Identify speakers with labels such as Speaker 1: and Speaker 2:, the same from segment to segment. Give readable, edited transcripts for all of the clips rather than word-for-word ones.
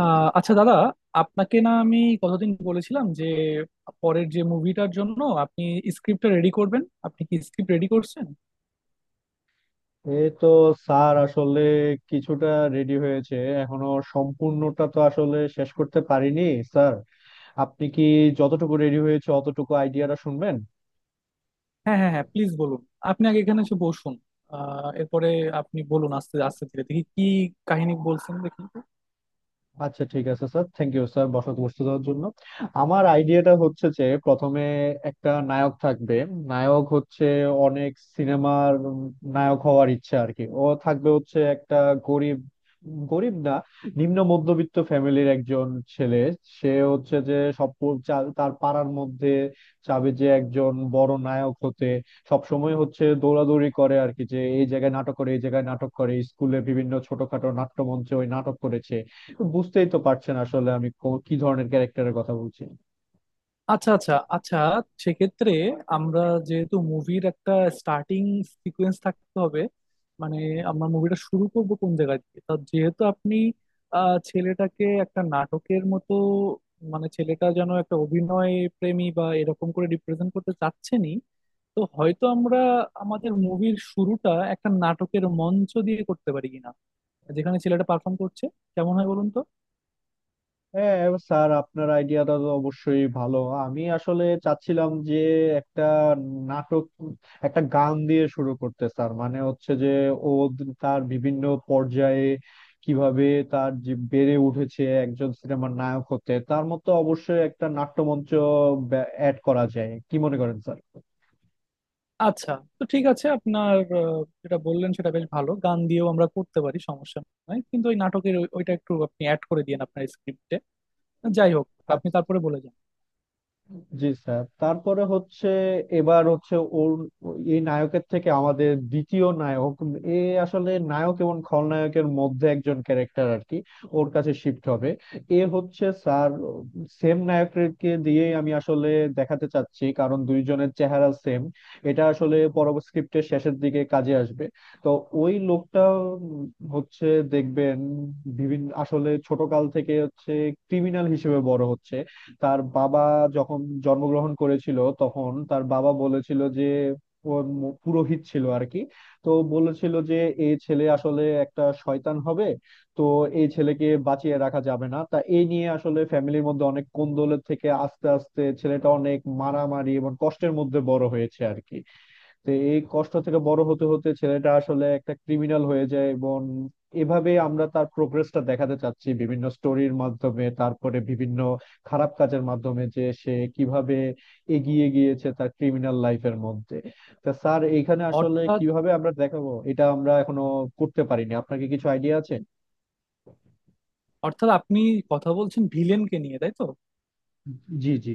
Speaker 1: আচ্ছা দাদা, আপনাকে না আমি কতদিন বলেছিলাম যে পরের যে মুভিটার জন্য আপনি স্ক্রিপ্টটা রেডি করবেন? আপনি কি স্ক্রিপ্ট রেডি করছেন?
Speaker 2: এই তো স্যার, আসলে কিছুটা রেডি হয়েছে, এখনো সম্পূর্ণটা তো আসলে শেষ করতে পারিনি স্যার। আপনি কি যতটুকু রেডি হয়েছে অতটুকু আইডিয়াটা শুনবেন?
Speaker 1: হ্যাঁ, হ্যাঁ, হ্যাঁ, প্লিজ বলুন। আপনি আগে এখানে এসে বসুন। এরপরে আপনি বলুন আস্তে আস্তে ধীরে, দেখি কি কাহিনী বলছেন, দেখি।
Speaker 2: আচ্ছা, ঠিক আছে স্যার, থ্যাংক ইউ স্যার বসাতে বসতে দেওয়ার জন্য। আমার আইডিয়াটা হচ্ছে যে প্রথমে একটা নায়ক থাকবে। নায়ক হচ্ছে অনেক সিনেমার নায়ক হওয়ার ইচ্ছা আর কি। ও থাকবে হচ্ছে একটা গরিব, গরিব না, নিম্ন মধ্যবিত্ত ফ্যামিলির একজন ছেলে। সে হচ্ছে যে সব তার পাড়ার মধ্যে চাবে যে একজন বড় নায়ক হতে। সবসময় হচ্ছে দৌড়াদৌড়ি করে আর কি, যে এই জায়গায় নাটক করে এই জায়গায় নাটক করে, স্কুলে বিভিন্ন ছোটখাটো নাট্যমঞ্চে ওই নাটক করেছে। তো বুঝতেই তো পারছেন আসলে আমি কি ধরনের ক্যারেক্টারের কথা বলছি।
Speaker 1: আচ্ছা, আচ্ছা, আচ্ছা। সেক্ষেত্রে আমরা, যেহেতু মুভির একটা স্টার্টিং সিকোয়েন্স থাকতে হবে, মানে আমরা মুভিটা শুরু করব কোন জায়গা দিয়ে, তা যেহেতু আপনি ছেলেটাকে একটা নাটকের মতো, মানে ছেলেটা যেন একটা অভিনয় প্রেমী বা এরকম করে রিপ্রেজেন্ট করতে চাচ্ছেনই, তো হয়তো আমরা আমাদের মুভির শুরুটা একটা নাটকের মঞ্চ দিয়ে করতে পারি কিনা, যেখানে ছেলেটা পারফর্ম করছে। কেমন হয় বলুন তো?
Speaker 2: হ্যাঁ, এবার স্যার আপনার আইডিয়াটা তো অবশ্যই ভালো। আমি আসলে চাচ্ছিলাম যে একটা নাটক, একটা গান দিয়ে শুরু করতে স্যার, মানে হচ্ছে যে ও তার বিভিন্ন পর্যায়ে কিভাবে, তার যে বেড়ে উঠেছে একজন সিনেমার নায়ক হতে, তার মতো অবশ্যই একটা নাট্যমঞ্চ অ্যাড করা যায় কি মনে করেন স্যার?
Speaker 1: আচ্ছা, তো ঠিক আছে, আপনার যেটা বললেন সেটা বেশ ভালো, গান দিয়েও আমরা করতে পারি, সমস্যা নাই। কিন্তু ওই নাটকের ওইটা একটু আপনি অ্যাড করে দিয়েন আপনার স্ক্রিপ্টে। যাই হোক, আপনি তারপরে বলে যান।
Speaker 2: জি স্যার, তারপরে হচ্ছে, এবার হচ্ছে ওর এই নায়কের থেকে আমাদের দ্বিতীয় নায়ক, এ আসলে নায়ক এবং খলনায়কের মধ্যে একজন ক্যারেক্টার আর কি, ওর কাছে শিফট হবে। এ হচ্ছে স্যার সেম নায়ককে দিয়ে আমি আসলে দেখাতে চাচ্ছি, কারণ দুইজনের চেহারা সেম। এটা আসলে পরবর্তী স্ক্রিপ্টের শেষের দিকে কাজে আসবে। তো ওই লোকটা উম হচ্ছে, দেখবেন বিভিন্ন আসলে ছোটকাল থেকে হচ্ছে ক্রিমিনাল হিসেবে বড় হচ্ছে। তার বাবা, যখন জন্মগ্রহণ করেছিল তখন তার বাবা বলেছিল যে, ও পুরোহিত ছিল আর কি, তো বলেছিল যে এই ছেলে আসলে একটা শয়তান হবে, তো এই ছেলেকে বাঁচিয়ে রাখা যাবে না। তা এই নিয়ে আসলে ফ্যামিলির মধ্যে অনেক কোন্দলের থেকে আস্তে আস্তে ছেলেটা অনেক মারামারি এবং কষ্টের মধ্যে বড় হয়েছে আর কি। তো এই কষ্ট থেকে বড় হতে হতে ছেলেটা আসলে একটা ক্রিমিনাল হয়ে যায়, এবং এভাবে আমরা তার প্রোগ্রেসটা দেখাতে চাচ্ছি বিভিন্ন স্টোরির মাধ্যমে, তারপরে বিভিন্ন খারাপ কাজের মাধ্যমে, যে সে কিভাবে এগিয়ে গিয়েছে তার ক্রিমিনাল লাইফের মধ্যে। তা স্যার, এখানে আসলে
Speaker 1: অর্থাৎ
Speaker 2: কিভাবে আমরা দেখাবো এটা আমরা এখনো করতে পারিনি, আপনার কি কিছু আইডিয়া আছে?
Speaker 1: অর্থাৎ আপনি কথা বলছেন ভিলেনকে নিয়ে, তাই তো?
Speaker 2: জি জি।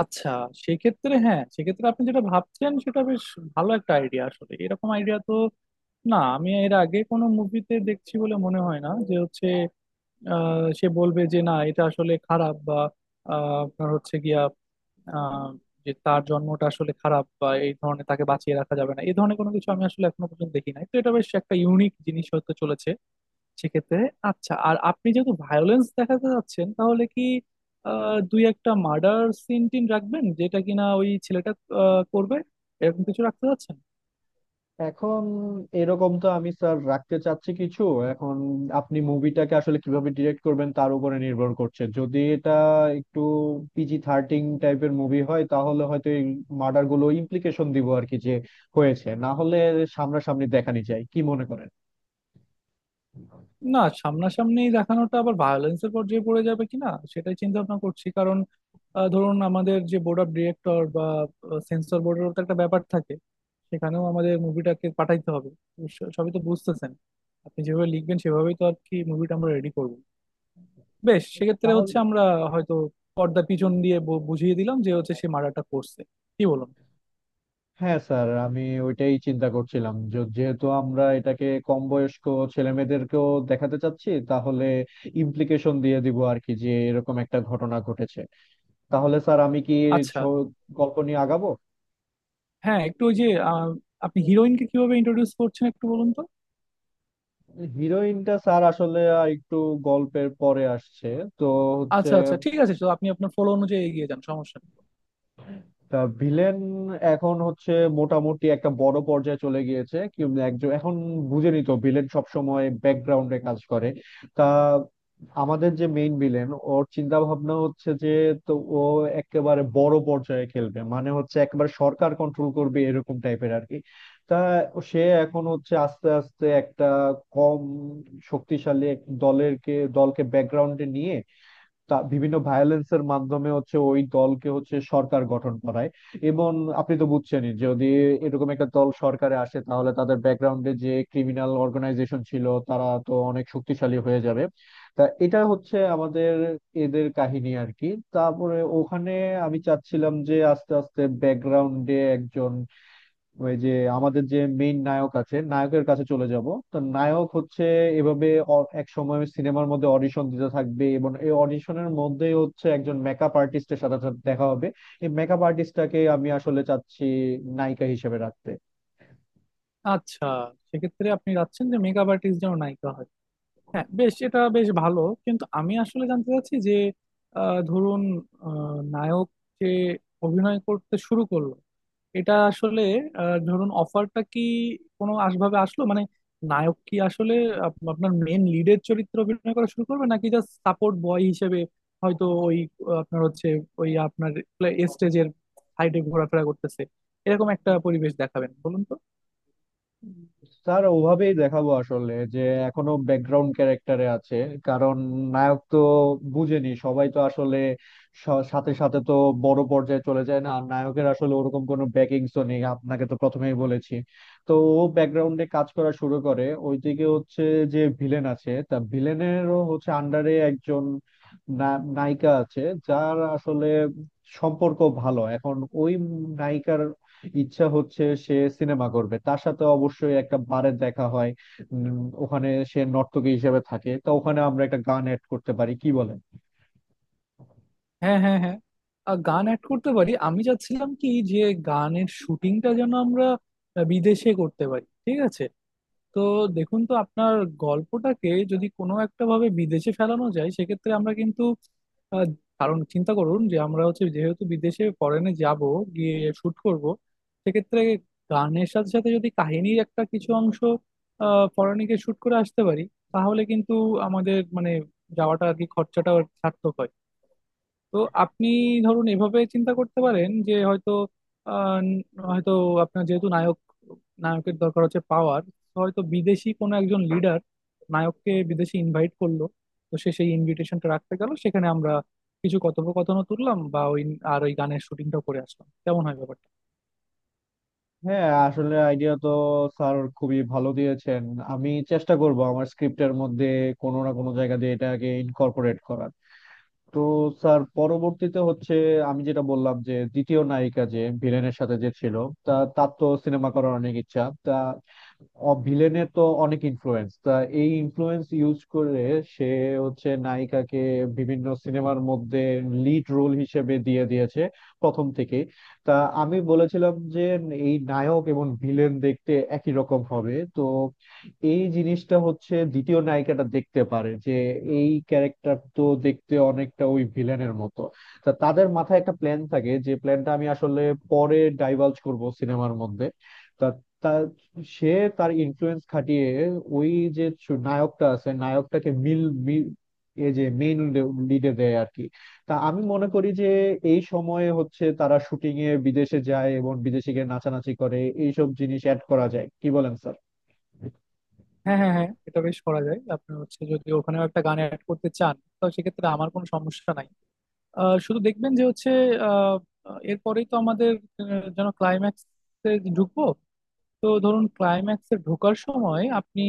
Speaker 1: আচ্ছা, সেক্ষেত্রে, হ্যাঁ, সেক্ষেত্রে আপনি যেটা ভাবছেন সেটা বেশ ভালো একটা আইডিয়া। আসলে এরকম আইডিয়া তো না, আমি এর আগে কোনো মুভিতে দেখছি বলে মনে হয় না যে হচ্ছে সে বলবে যে না, এটা আসলে খারাপ বা আপনার হচ্ছে গিয়া আহ, যে তার জন্মটা আসলে খারাপ বা এই ধরনের, তাকে বাঁচিয়ে রাখা যাবে না, এই ধরনের কোনো কিছু আমি আসলে এখনো পর্যন্ত দেখি নাই। তো এটা বেশ একটা ইউনিক জিনিস হতে চলেছে সেক্ষেত্রে। আচ্ছা, আর আপনি যেহেতু ভায়োলেন্স দেখাতে যাচ্ছেন, তাহলে কি দুই একটা মার্ডার সিন টিন রাখবেন, যেটা কিনা ওই ছেলেটা করবে? এরকম কিছু রাখতে যাচ্ছেন?
Speaker 2: এখন এরকম তো আমি স্যার রাখতে চাচ্ছি কিছু। এখন আপনি মুভিটাকে আসলে কিভাবে ডিরেক্ট করবেন তার উপরে নির্ভর করছে। যদি এটা একটু পিজি-13 টাইপের মুভি হয় তাহলে হয়তো এই মার্ডার গুলো ইমপ্লিকেশন দিব আর কি, যে হয়েছে, না হলে সামনাসামনি দেখানি যায় কি মনে করেন?
Speaker 1: না, সামনাসামনি দেখানোটা আবার ভায়োলেন্সের পর্যায়ে পড়ে যাবে কিনা সেটাই চিন্তা ভাবনা করছি। কারণ ধরুন, আমাদের যে বোর্ড অফ ডিরেক্টর বা সেন্সর বোর্ডের তো একটা ব্যাপার থাকে, সেখানেও আমাদের মুভিটাকে পাঠাইতে হবে। তো সবই তো বুঝতেছেন, আপনি যেভাবে লিখবেন সেভাবেই তো আর কি মুভিটা আমরা রেডি করব। বেশ, সেক্ষেত্রে হচ্ছে
Speaker 2: তাহলে
Speaker 1: আমরা হয়তো পর্দার পিছন দিয়ে বুঝিয়ে দিলাম যে হচ্ছে সে মার্ডারটা করছে। কি বলুন?
Speaker 2: হ্যাঁ স্যার, আমি ওইটাই চিন্তা করছিলাম যেহেতু আমরা এটাকে কম বয়স্ক ছেলেমেয়েদেরকেও দেখাতে চাচ্ছি, তাহলে ইমপ্লিকেশন দিয়ে দিব আর কি, যে এরকম একটা ঘটনা ঘটেছে। তাহলে স্যার আমি কি
Speaker 1: আচ্ছা।
Speaker 2: ছ- গল্প নিয়ে আগাবো?
Speaker 1: হ্যাঁ, একটু ওই যে আপনি হিরোইনকে কিভাবে ইন্ট্রোডিউস করছেন একটু বলুন তো।
Speaker 2: হিরোইনটা স্যার আসলে একটু গল্পের পরে আসছে। তো হচ্ছে,
Speaker 1: আচ্ছা, আচ্ছা, ঠিক আছে, তো আপনি আপনার ফলো অনুযায়ী এগিয়ে যান, সমস্যা নেই।
Speaker 2: তা ভিলেন এখন হচ্ছে মোটামুটি একটা বড় পর্যায়ে চলে গিয়েছে। কি একজন এখন বুঝেনি তো, ভিলেন সবসময় ব্যাকগ্রাউন্ডে কাজ করে। তা আমাদের যে মেইন ভিলেন, ওর চিন্তা ভাবনা হচ্ছে যে, তো ও একেবারে বড় পর্যায়ে খেলবে, মানে হচ্ছে একেবারে সরকার কন্ট্রোল করবে এরকম টাইপের আর কি। তা সে এখন হচ্ছে আস্তে আস্তে একটা কম শক্তিশালী এক দলকে ব্যাকগ্রাউন্ডে নিয়ে, তা বিভিন্ন ভায়োলেন্সের মাধ্যমে হচ্ছে ওই দলকে হচ্ছে সরকার গঠন করায়। এবং আপনি তো বুঝছেনই, যদি এরকম একটা দল সরকারে আসে তাহলে তাদের ব্যাকগ্রাউন্ডে যে ক্রিমিনাল অর্গানাইজেশন ছিল তারা তো অনেক শক্তিশালী হয়ে যাবে। তা এটা হচ্ছে আমাদের এদের কাহিনী আর কি। তারপরে ওখানে আমি চাচ্ছিলাম যে আস্তে আস্তে ব্যাকগ্রাউন্ডে একজন, ওই যে আমাদের যে মেইন নায়ক আছে নায়কের কাছে চলে যাব। তো নায়ক হচ্ছে এভাবে এক সময় সিনেমার মধ্যে অডিশন দিতে থাকবে এবং এই অডিশনের মধ্যেই হচ্ছে একজন মেকআপ আর্টিস্টের সাথে সাথে দেখা হবে। এই মেকআপ আর্টিস্টটাকে আমি আসলে চাচ্ছি নায়িকা হিসেবে রাখতে।
Speaker 1: আচ্ছা, সেক্ষেত্রে আপনি চাচ্ছেন যে মেকআপ আর্টিস্ট যেন নায়িকা হয়। হ্যাঁ, বেশ, এটা বেশ ভালো। কিন্তু আমি আসলে জানতে চাচ্ছি যে ধরুন, নায়ক যে অভিনয় করতে শুরু করলো, এটা আসলে ধরুন, অফারটা কি কোনো আসভাবে আসলো? মানে, নায়ক কি আসলে আপনার মেন লিডের চরিত্রে অভিনয় করা শুরু করবে, নাকি জাস্ট সাপোর্ট বয় হিসেবে হয়তো ওই আপনার হচ্ছে ওই আপনার স্টেজের সাইডে ঘোরাফেরা করতেছে, এরকম একটা পরিবেশ দেখাবেন বলুন তো?
Speaker 2: স্যার, ওভাবেই দেখাবো আসলে, যে এখনো ব্যাকগ্রাউন্ড ক্যারেক্টারে আছে। কারণ নায়ক তো বুঝেনি, সবাই তো আসলে সাথে সাথে তো বড় পর্যায়ে চলে যায় না, আর নায়কের আসলে ওরকম কোনো ব্যাকিংস তো নেই, আপনাকে তো প্রথমেই বলেছি। তো ও ব্যাকগ্রাউন্ডে কাজ করা শুরু করে। ওইদিকে হচ্ছে যে ভিলেন আছে, তা ভিলেনেরও হচ্ছে আন্ডারে একজন নায়িকা আছে, যার আসলে সম্পর্ক ভালো। এখন ওই নায়িকার ইচ্ছা হচ্ছে সে সিনেমা করবে, তার সাথে অবশ্যই একটা বারে দেখা হয়। ওখানে সে নর্তকী হিসেবে থাকে, তো ওখানে আমরা একটা গান অ্যাড করতে পারি কি বলেন?
Speaker 1: হ্যাঁ, হ্যাঁ, হ্যাঁ, আর গান অ্যাড করতে পারি। আমি চাচ্ছিলাম কি যে গানের শুটিংটা যেন আমরা বিদেশে করতে পারি, ঠিক আছে? তো দেখুন তো আপনার গল্পটাকে যদি কোনো একটা ভাবে বিদেশে ফেলানো যায়, সেক্ষেত্রে আমরা কিন্তু আহ, কারণ চিন্তা করুন যে আমরা হচ্ছে যেহেতু বিদেশে ফরেনে যাব, গিয়ে শুট করব, সেক্ষেত্রে গানের সাথে সাথে যদি কাহিনীর একটা কিছু অংশ ফরেনে গিয়ে শুট করে আসতে পারি, তাহলে কিন্তু আমাদের মানে যাওয়াটা আর কি খরচাটা সার্থক হয়। তো আপনি ধরুন এভাবে চিন্তা করতে পারেন যে হয়তো আহ, ন- হয়তো আপনার যেহেতু নায়ক, নায়কের দরকার হচ্ছে পাওয়ার, হয়তো বিদেশি কোনো একজন লিডার নায়ককে বিদেশে ইনভাইট করলো, তো সে সেই ইনভিটেশনটা রাখতে গেল, সেখানে আমরা কিছু কথোপকথনও তুললাম বা ওই আর ওই গানের শুটিংটাও করে আসলাম। কেমন হয় ব্যাপারটা?
Speaker 2: হ্যাঁ, আসলে আইডিয়া তো স্যার খুবই ভালো দিয়েছেন। আমি চেষ্টা করব আমার স্ক্রিপ্টের মধ্যে কোনো না কোনো জায়গা দিয়ে এটাকে ইনকর্পোরেট করার। তো স্যার, পরবর্তীতে হচ্ছে আমি যেটা বললাম যে দ্বিতীয় নায়িকা যে ভিলেনের সাথে যে ছিল, তা তার তো সিনেমা করার অনেক ইচ্ছা, তা ভিলেনের তো অনেক ইনফ্লুয়েন্স, তা এই ইনফ্লুয়েন্স ইউজ করে সে হচ্ছে নায়িকাকে বিভিন্ন সিনেমার মধ্যে লিড রোল হিসেবে দিয়ে দিয়েছে প্রথম থেকে। তা আমি বলেছিলাম যে এই নায়ক এবং ভিলেন দেখতে একই রকম হবে, তো এই জিনিসটা হচ্ছে দ্বিতীয় নায়িকাটা দেখতে পারে যে এই ক্যারেক্টার তো দেখতে অনেকটা ওই ভিলেনের মতো। তা তাদের মাথায় একটা প্ল্যান থাকে, যে প্ল্যানটা আমি আসলে পরে ডাইভালজ করব সিনেমার মধ্যে। তা তা সে তার ইনফ্লুয়েন্স খাটিয়ে ওই যে নায়কটা আছে নায়কটাকে মিল মিল এ যে মেইন লিডে দেয় আর কি। তা আমি মনে করি যে এই সময়ে হচ্ছে তারা শুটিং এ বিদেশে যায় এবং বিদেশে গিয়ে নাচানাচি করে, এইসব জিনিস অ্যাড করা যায় কি বলেন স্যার?
Speaker 1: হ্যাঁ, হ্যাঁ, হ্যাঁ, এটা বেশ করা যায়। আপনি হচ্ছে যদি ওখানেও একটা গান অ্যাড করতে চান, তো সেক্ষেত্রে আমার কোনো সমস্যা নাই। শুধু দেখবেন যে হচ্ছে আহ, এরপরেই তো আমাদের যেন ক্লাইম্যাক্সে ঢুকবো। তো ধরুন, ক্লাইম্যাক্সে ঢোকার সময় আপনি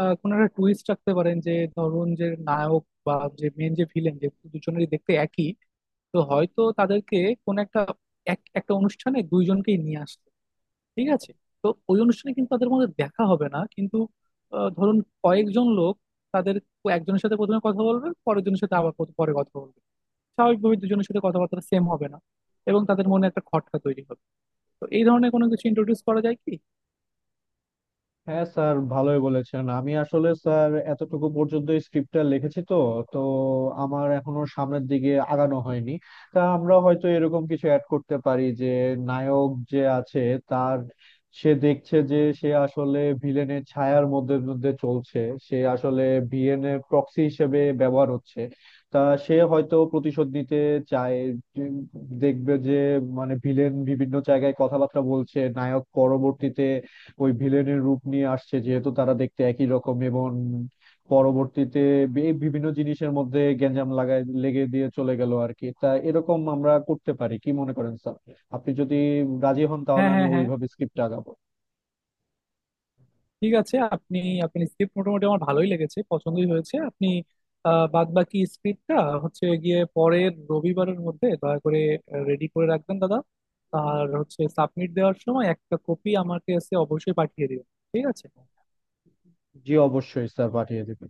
Speaker 1: কোনো একটা টুইস্ট রাখতে পারেন যে ধরুন যে নায়ক বা যে মেন যে ভিলেন, যে দুজনেরই দেখতে একই, তো হয়তো তাদেরকে কোন একটা এক একটা অনুষ্ঠানে দুইজনকেই নিয়ে আসতো, ঠিক আছে? তো ওই অনুষ্ঠানে কিন্তু তাদের মধ্যে দেখা হবে না, কিন্তু ধরুন কয়েকজন লোক তাদের একজনের সাথে প্রথমে কথা বলবে, পরের জনের সাথে আবার পরে কথা বলবে। স্বাভাবিকভাবে দুজনের সাথে কথাবার্তা সেম হবে না, এবং তাদের মনে একটা খটকা তৈরি হবে। তো এই ধরনের কোনো কিছু ইন্ট্রোডিউস করা যায় কি?
Speaker 2: হ্যাঁ স্যার, ভালোই বলেছেন। আমি আসলে স্যার এতটুকু পর্যন্ত স্ক্রিপ্টটা লিখেছি, তো তো আমার এখনো সামনের দিকে আগানো হয়নি। তা আমরা হয়তো এরকম কিছু অ্যাড করতে পারি যে নায়ক যে আছে তার, সে দেখছে যে সে আসলে ভিলেনের ছায়ার মধ্যে মধ্যে চলছে, সে আসলে ভিলেনের প্রক্সি হিসেবে ব্যবহার হচ্ছে। তা সে হয়তো প্রতিশোধ নিতে চায়, যে দেখবে যে, মানে ভিলেন বিভিন্ন জায়গায় কথাবার্তা বলছে, নায়ক পরবর্তীতে ওই ভিলেনের রূপ নিয়ে আসছে যেহেতু তারা দেখতে একই রকম, এবং পরবর্তীতে বিভিন্ন জিনিসের মধ্যে গ্যাঞ্জাম লাগায় লেগে দিয়ে চলে গেল আর কি। তা এরকম আমরা করতে পারি কি মনে করেন স্যার? আপনি যদি রাজি হন তাহলে
Speaker 1: হ্যাঁ,
Speaker 2: আমি
Speaker 1: হ্যাঁ, হ্যাঁ,
Speaker 2: ওইভাবে স্ক্রিপ্ট আগাবো।
Speaker 1: ঠিক আছে। আপনি আপনি স্ক্রিপ্ট মোটামুটি আমার ভালোই লেগেছে, পছন্দই হয়েছে। আপনি বাদ বাকি স্ক্রিপ্টটা হচ্ছে গিয়ে পরের রবিবারের মধ্যে দয়া করে রেডি করে রাখবেন দাদা। আর হচ্ছে সাবমিট দেওয়ার সময় একটা কপি আমাকে এসে অবশ্যই পাঠিয়ে দিবেন, ঠিক আছে?
Speaker 2: জি অবশ্যই স্যার, পাঠিয়ে দিবেন।